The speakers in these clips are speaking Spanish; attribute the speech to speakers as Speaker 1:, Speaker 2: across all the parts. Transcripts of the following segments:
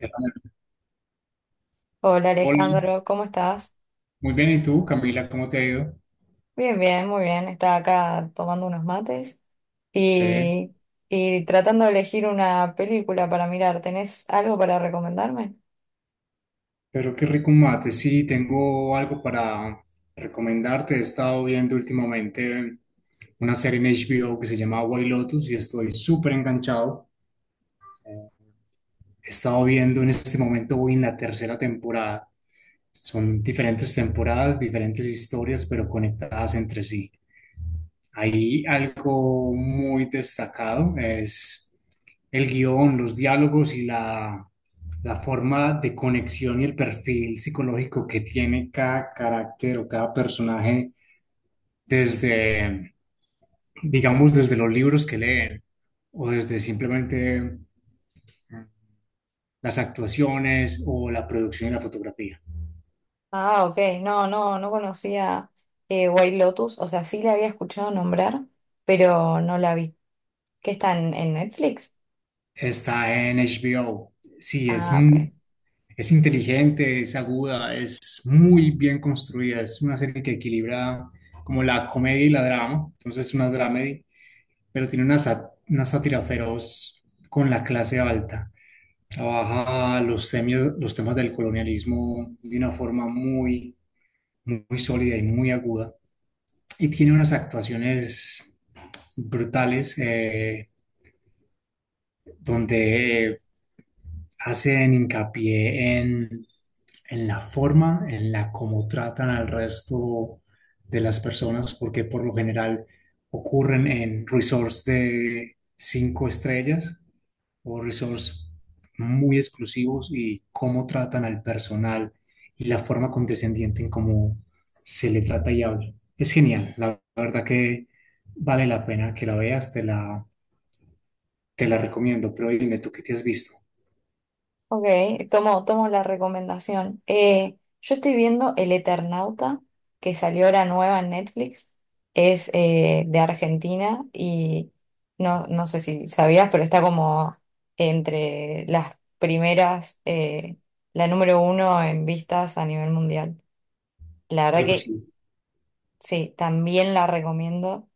Speaker 1: Eh,
Speaker 2: Hola
Speaker 1: Hola,
Speaker 2: Alejandro, ¿cómo estás?
Speaker 1: muy bien, ¿y tú, Camila? ¿Cómo te ha ido?
Speaker 2: Bien, bien, muy bien. Estaba acá tomando unos mates
Speaker 1: Sí,
Speaker 2: y, y tratando de elegir una película para mirar. ¿Tenés algo para recomendarme?
Speaker 1: pero qué rico un mate. Sí, tengo algo para recomendarte. He estado viendo últimamente una serie en HBO que se llama White Lotus y estoy súper enganchado. He estado viendo en este momento, voy en la tercera temporada. Son diferentes temporadas, diferentes historias, pero conectadas entre sí. Hay algo muy destacado, es el guión, los diálogos y la forma de conexión y el perfil psicológico que tiene cada carácter o cada personaje desde, digamos, desde los libros que leen o desde simplemente las actuaciones o la producción y la fotografía.
Speaker 2: Ah, ok. No, no, conocía White Lotus. O sea, sí la había escuchado nombrar, pero no la vi. ¿Qué está en Netflix?
Speaker 1: Está en HBO. Sí, es,
Speaker 2: Ah, ok.
Speaker 1: es inteligente, es aguda, es muy bien construida. Es una serie que equilibra como la comedia y la drama. Entonces es una dramedy, pero tiene una, una sátira feroz con la clase alta. Trabaja los temas del colonialismo de una forma muy sólida y muy aguda. Y tiene unas actuaciones brutales, donde hacen hincapié en la forma en la como tratan al resto de las personas, porque por lo general ocurren en resorts de cinco estrellas o resorts muy exclusivos y cómo tratan al personal y la forma condescendiente en cómo se le trata y habla. Es genial, la verdad que vale la pena que la veas, te la recomiendo, pero dime tú qué te has visto,
Speaker 2: Ok, tomo la recomendación. Yo estoy viendo El Eternauta, que salió ahora nueva en Netflix. Es de Argentina y no, no sé si sabías, pero está como entre las primeras, la número uno en vistas a nivel mundial. La verdad
Speaker 1: algo
Speaker 2: que
Speaker 1: similar.
Speaker 2: sí, también la recomiendo.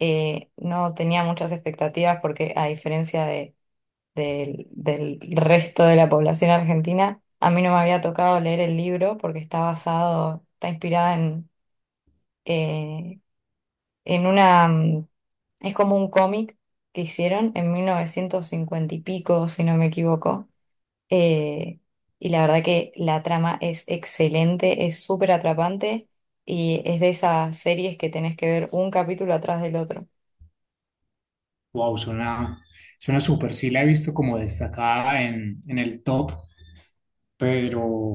Speaker 2: No tenía muchas expectativas porque a diferencia de del resto de la población argentina. A mí no me había tocado leer el libro porque está basado, está inspirada eh, en una, es como un cómic que hicieron en 1950 y pico, si no me equivoco. Eh, y la verdad que la trama es excelente, es súper atrapante y es de esas series que tenés que ver un capítulo atrás del otro.
Speaker 1: Wow, suena súper. Sí la he visto como destacada en el top, pero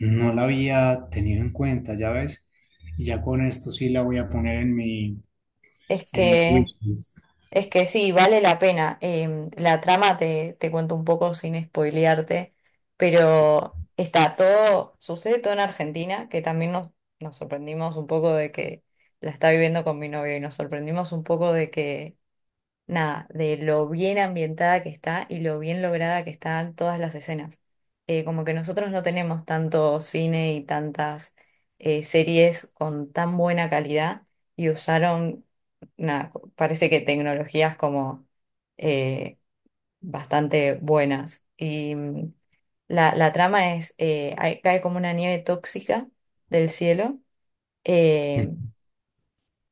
Speaker 1: no la había tenido en cuenta, ya ves. Y ya con esto sí la voy a poner en
Speaker 2: Es
Speaker 1: en mi
Speaker 2: que...
Speaker 1: wishlist.
Speaker 2: Es que sí, vale la pena. La trama te cuento un poco sin spoilearte,
Speaker 1: Sí.
Speaker 2: pero está todo, sucede todo en Argentina, que también nos sorprendimos un poco de que la está viviendo con mi novio y nos sorprendimos un poco de que nada, de lo bien ambientada que está y lo bien lograda que están todas las escenas. Como que nosotros no tenemos tanto cine y tantas series con tan buena calidad y usaron, nada, parece que tecnologías como eh, bastante buenas. Y la trama es, cae como una nieve tóxica del cielo. eh,
Speaker 1: Mm.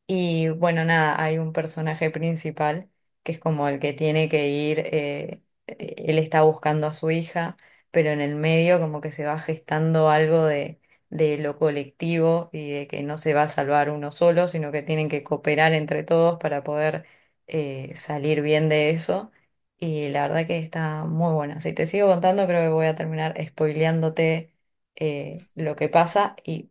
Speaker 2: y bueno, nada, hay un personaje principal que es como el que tiene que ir, él está buscando a su hija, pero en el medio como que se va gestando algo de lo colectivo y de que no se va a salvar uno solo, sino que tienen que cooperar entre todos para poder salir bien de eso. Y la verdad que está muy buena. Si te sigo contando, creo que voy a terminar spoileándote lo que pasa y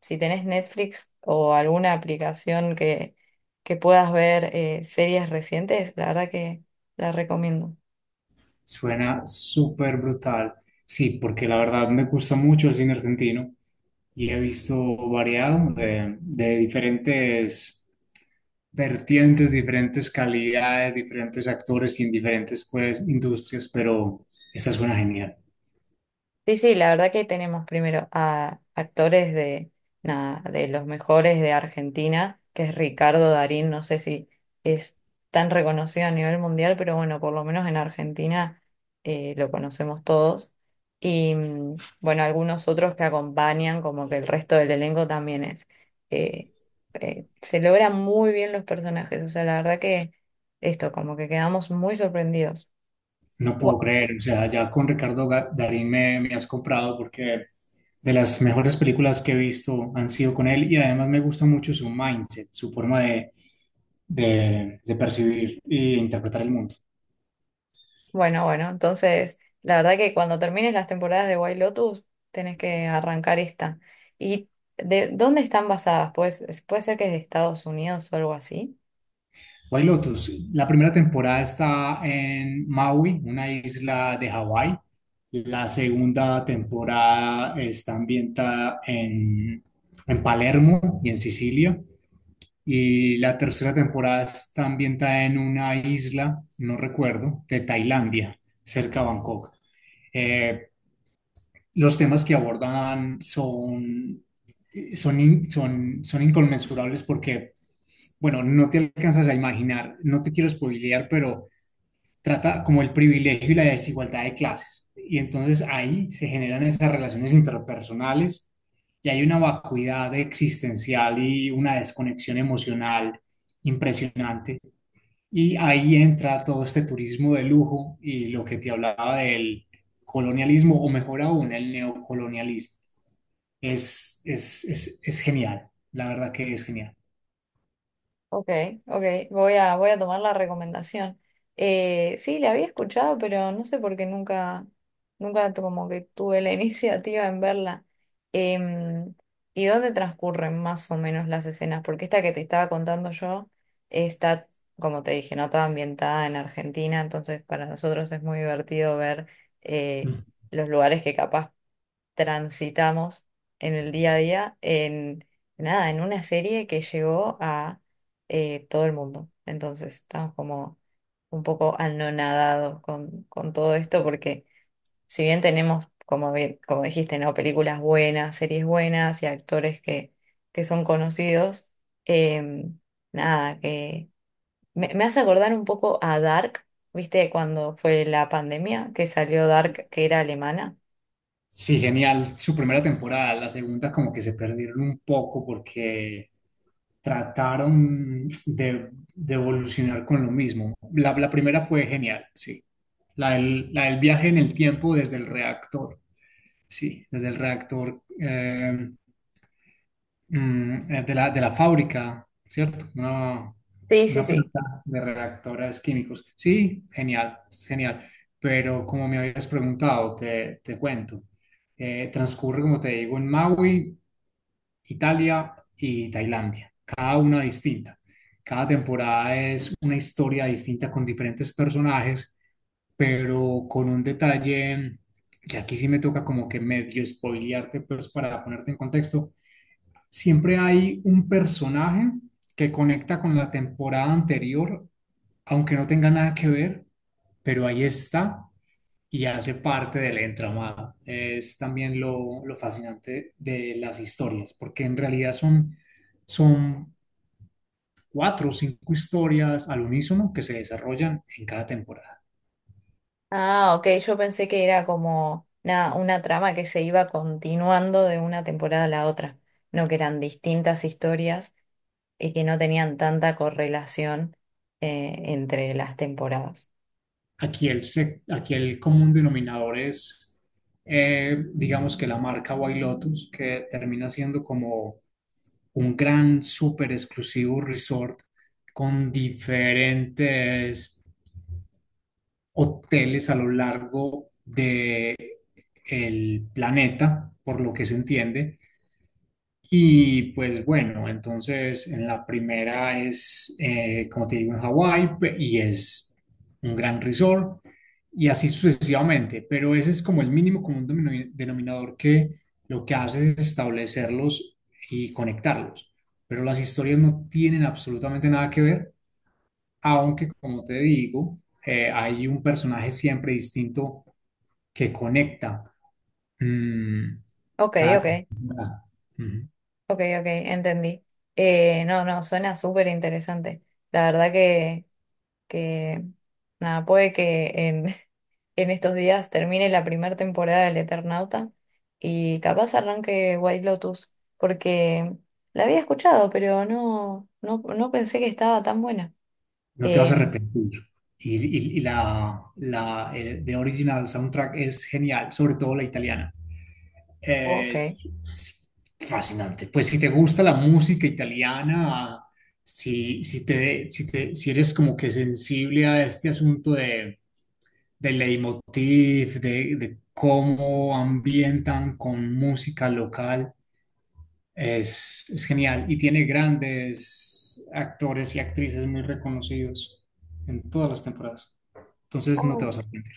Speaker 2: si tenés Netflix o alguna aplicación que puedas ver series recientes, la verdad que la recomiendo.
Speaker 1: Suena súper brutal. Sí, porque la verdad me gusta mucho el cine argentino y he visto variado de diferentes vertientes, diferentes calidades, diferentes actores y en diferentes pues, industrias, pero esta suena genial.
Speaker 2: Sí, sí, la verdad que tenemos primero a actores de, nada, de los mejores de Argentina, que es Ricardo Darín, no sé si es tan reconocido a nivel mundial, pero bueno, por lo menos en Argentina lo conocemos todos. Y bueno, algunos otros que acompañan, como que el resto del elenco también es. eh, Se logran muy bien los personajes, o sea, la verdad que esto, como que quedamos muy sorprendidos.
Speaker 1: No puedo creer, o sea, ya con Ricardo Darín me has comprado porque de las mejores películas que he visto han sido con él y además me gusta mucho su mindset, su forma de percibir e interpretar el mundo.
Speaker 2: Bueno, bueno, entonces la verdad que cuando termines las temporadas de White Lotus tenés que arrancar esta. ¿Y de dónde están basadas? Pues, puede ser que es de Estados Unidos o algo así.
Speaker 1: White Lotus, la primera temporada está en Maui, una isla de Hawái. La segunda temporada está ambientada en Palermo y en Sicilia. Y la tercera temporada está ambientada en una isla, no recuerdo, de Tailandia, cerca de Bangkok. Eh, los temas que abordan son inconmensurables porque, bueno, no te alcanzas a imaginar, no te quiero spoilear, pero trata como el privilegio y la desigualdad de clases. Y entonces ahí se generan esas relaciones interpersonales y hay una vacuidad existencial y una desconexión emocional impresionante. Y ahí entra todo este turismo de lujo y lo que te hablaba del colonialismo, o mejor aún, el neocolonialismo. Es, genial, la verdad que es genial.
Speaker 2: Ok, ok, voy a tomar la recomendación. Sí, la había escuchado, pero no sé por qué nunca como que tuve la iniciativa en verla. Em, ¿Y dónde transcurren más o menos las escenas? Porque esta que te estaba contando yo está, como te dije, no toda ambientada en Argentina, entonces para nosotros es muy divertido ver eh,
Speaker 1: Mm.
Speaker 2: los lugares que capaz transitamos en el día a día en nada, en una serie que llegó a todo el mundo. Entonces estamos como un poco anonadados con todo esto porque si bien tenemos, como, como dijiste, ¿no? Películas buenas, series buenas y actores que son conocidos, eh, nada, que me hace acordar un poco a Dark. ¿Viste cuando fue la pandemia que salió Dark, que era alemana?
Speaker 1: Sí, genial. Su primera temporada, la segunda como que se perdieron un poco porque trataron de evolucionar con lo mismo. La primera fue genial, sí. La del viaje en el tiempo desde el reactor, sí, desde el reactor, de la fábrica, ¿cierto?
Speaker 2: Sí, sí,
Speaker 1: Una
Speaker 2: sí.
Speaker 1: planta de reactores químicos. Sí, genial, genial. Pero como me habías preguntado, te cuento. Transcurre, como te digo, en Maui, Italia y Tailandia, cada una distinta. Cada temporada es una historia distinta con diferentes personajes, pero con un detalle que aquí sí me toca como que medio spoilearte, pues para ponerte en contexto. Siempre hay un personaje que conecta con la temporada anterior, aunque no tenga nada que ver, pero ahí está y hace parte del entramado. Es también lo fascinante de las historias, porque en realidad son cuatro o cinco historias al unísono que se desarrollan en cada temporada.
Speaker 2: Ah, ok, yo pensé que era como una trama que se iba continuando de una temporada a la otra, no que eran distintas historias y que no tenían tanta correlación entre las temporadas.
Speaker 1: Aquí aquí el común denominador es, digamos que la marca White Lotus, que termina siendo como un gran, súper exclusivo resort con diferentes hoteles a lo largo de el planeta, por lo que se entiende. Y pues bueno, entonces en la primera es, como te digo, en Hawái y es un gran resort y así sucesivamente. Pero ese es como el mínimo común denominador que lo que hace es establecerlos y conectarlos. Pero las historias no tienen absolutamente nada que ver aunque, como te digo, hay un personaje siempre distinto que conecta mm,
Speaker 2: Ok,
Speaker 1: cada
Speaker 2: ok,
Speaker 1: temporada. Ujú.
Speaker 2: ok, ok, entendí. No, no, suena súper interesante. La verdad que nada, puede que en, en estos días termine la primera temporada del Eternauta y capaz arranque White Lotus, porque la había escuchado, pero no, no, no pensé que estaba tan buena.
Speaker 1: No te vas a
Speaker 2: Eh,
Speaker 1: arrepentir. Y, y la The Original Soundtrack es genial, sobre todo la italiana. Eh,
Speaker 2: ok.
Speaker 1: Es, es fascinante. Pues si te gusta la música italiana, si eres como que sensible a este asunto de leitmotiv, de cómo ambientan con música local. Es genial y tiene grandes actores y actrices muy reconocidos en todas las temporadas. Entonces no te
Speaker 2: Ah,
Speaker 1: vas a arrepentir.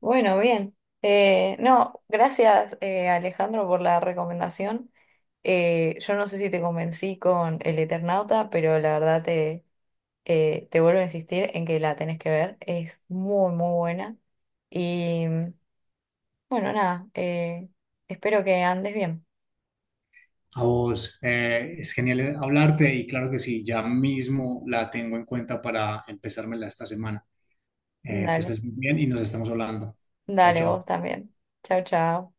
Speaker 2: bueno, bien. No, gracias Alejandro por la recomendación. Yo no sé si te convencí con el Eternauta, pero la verdad te vuelvo a insistir en que la tenés que ver, es muy, muy buena. Y bueno, nada, espero que andes bien.
Speaker 1: A vos, es genial hablarte y claro que sí, ya mismo la tengo en cuenta para empezármela esta semana. Que
Speaker 2: Dale,
Speaker 1: estés muy bien y nos estamos hablando. Chao,
Speaker 2: dale
Speaker 1: chao.
Speaker 2: vos también. Chao, chao.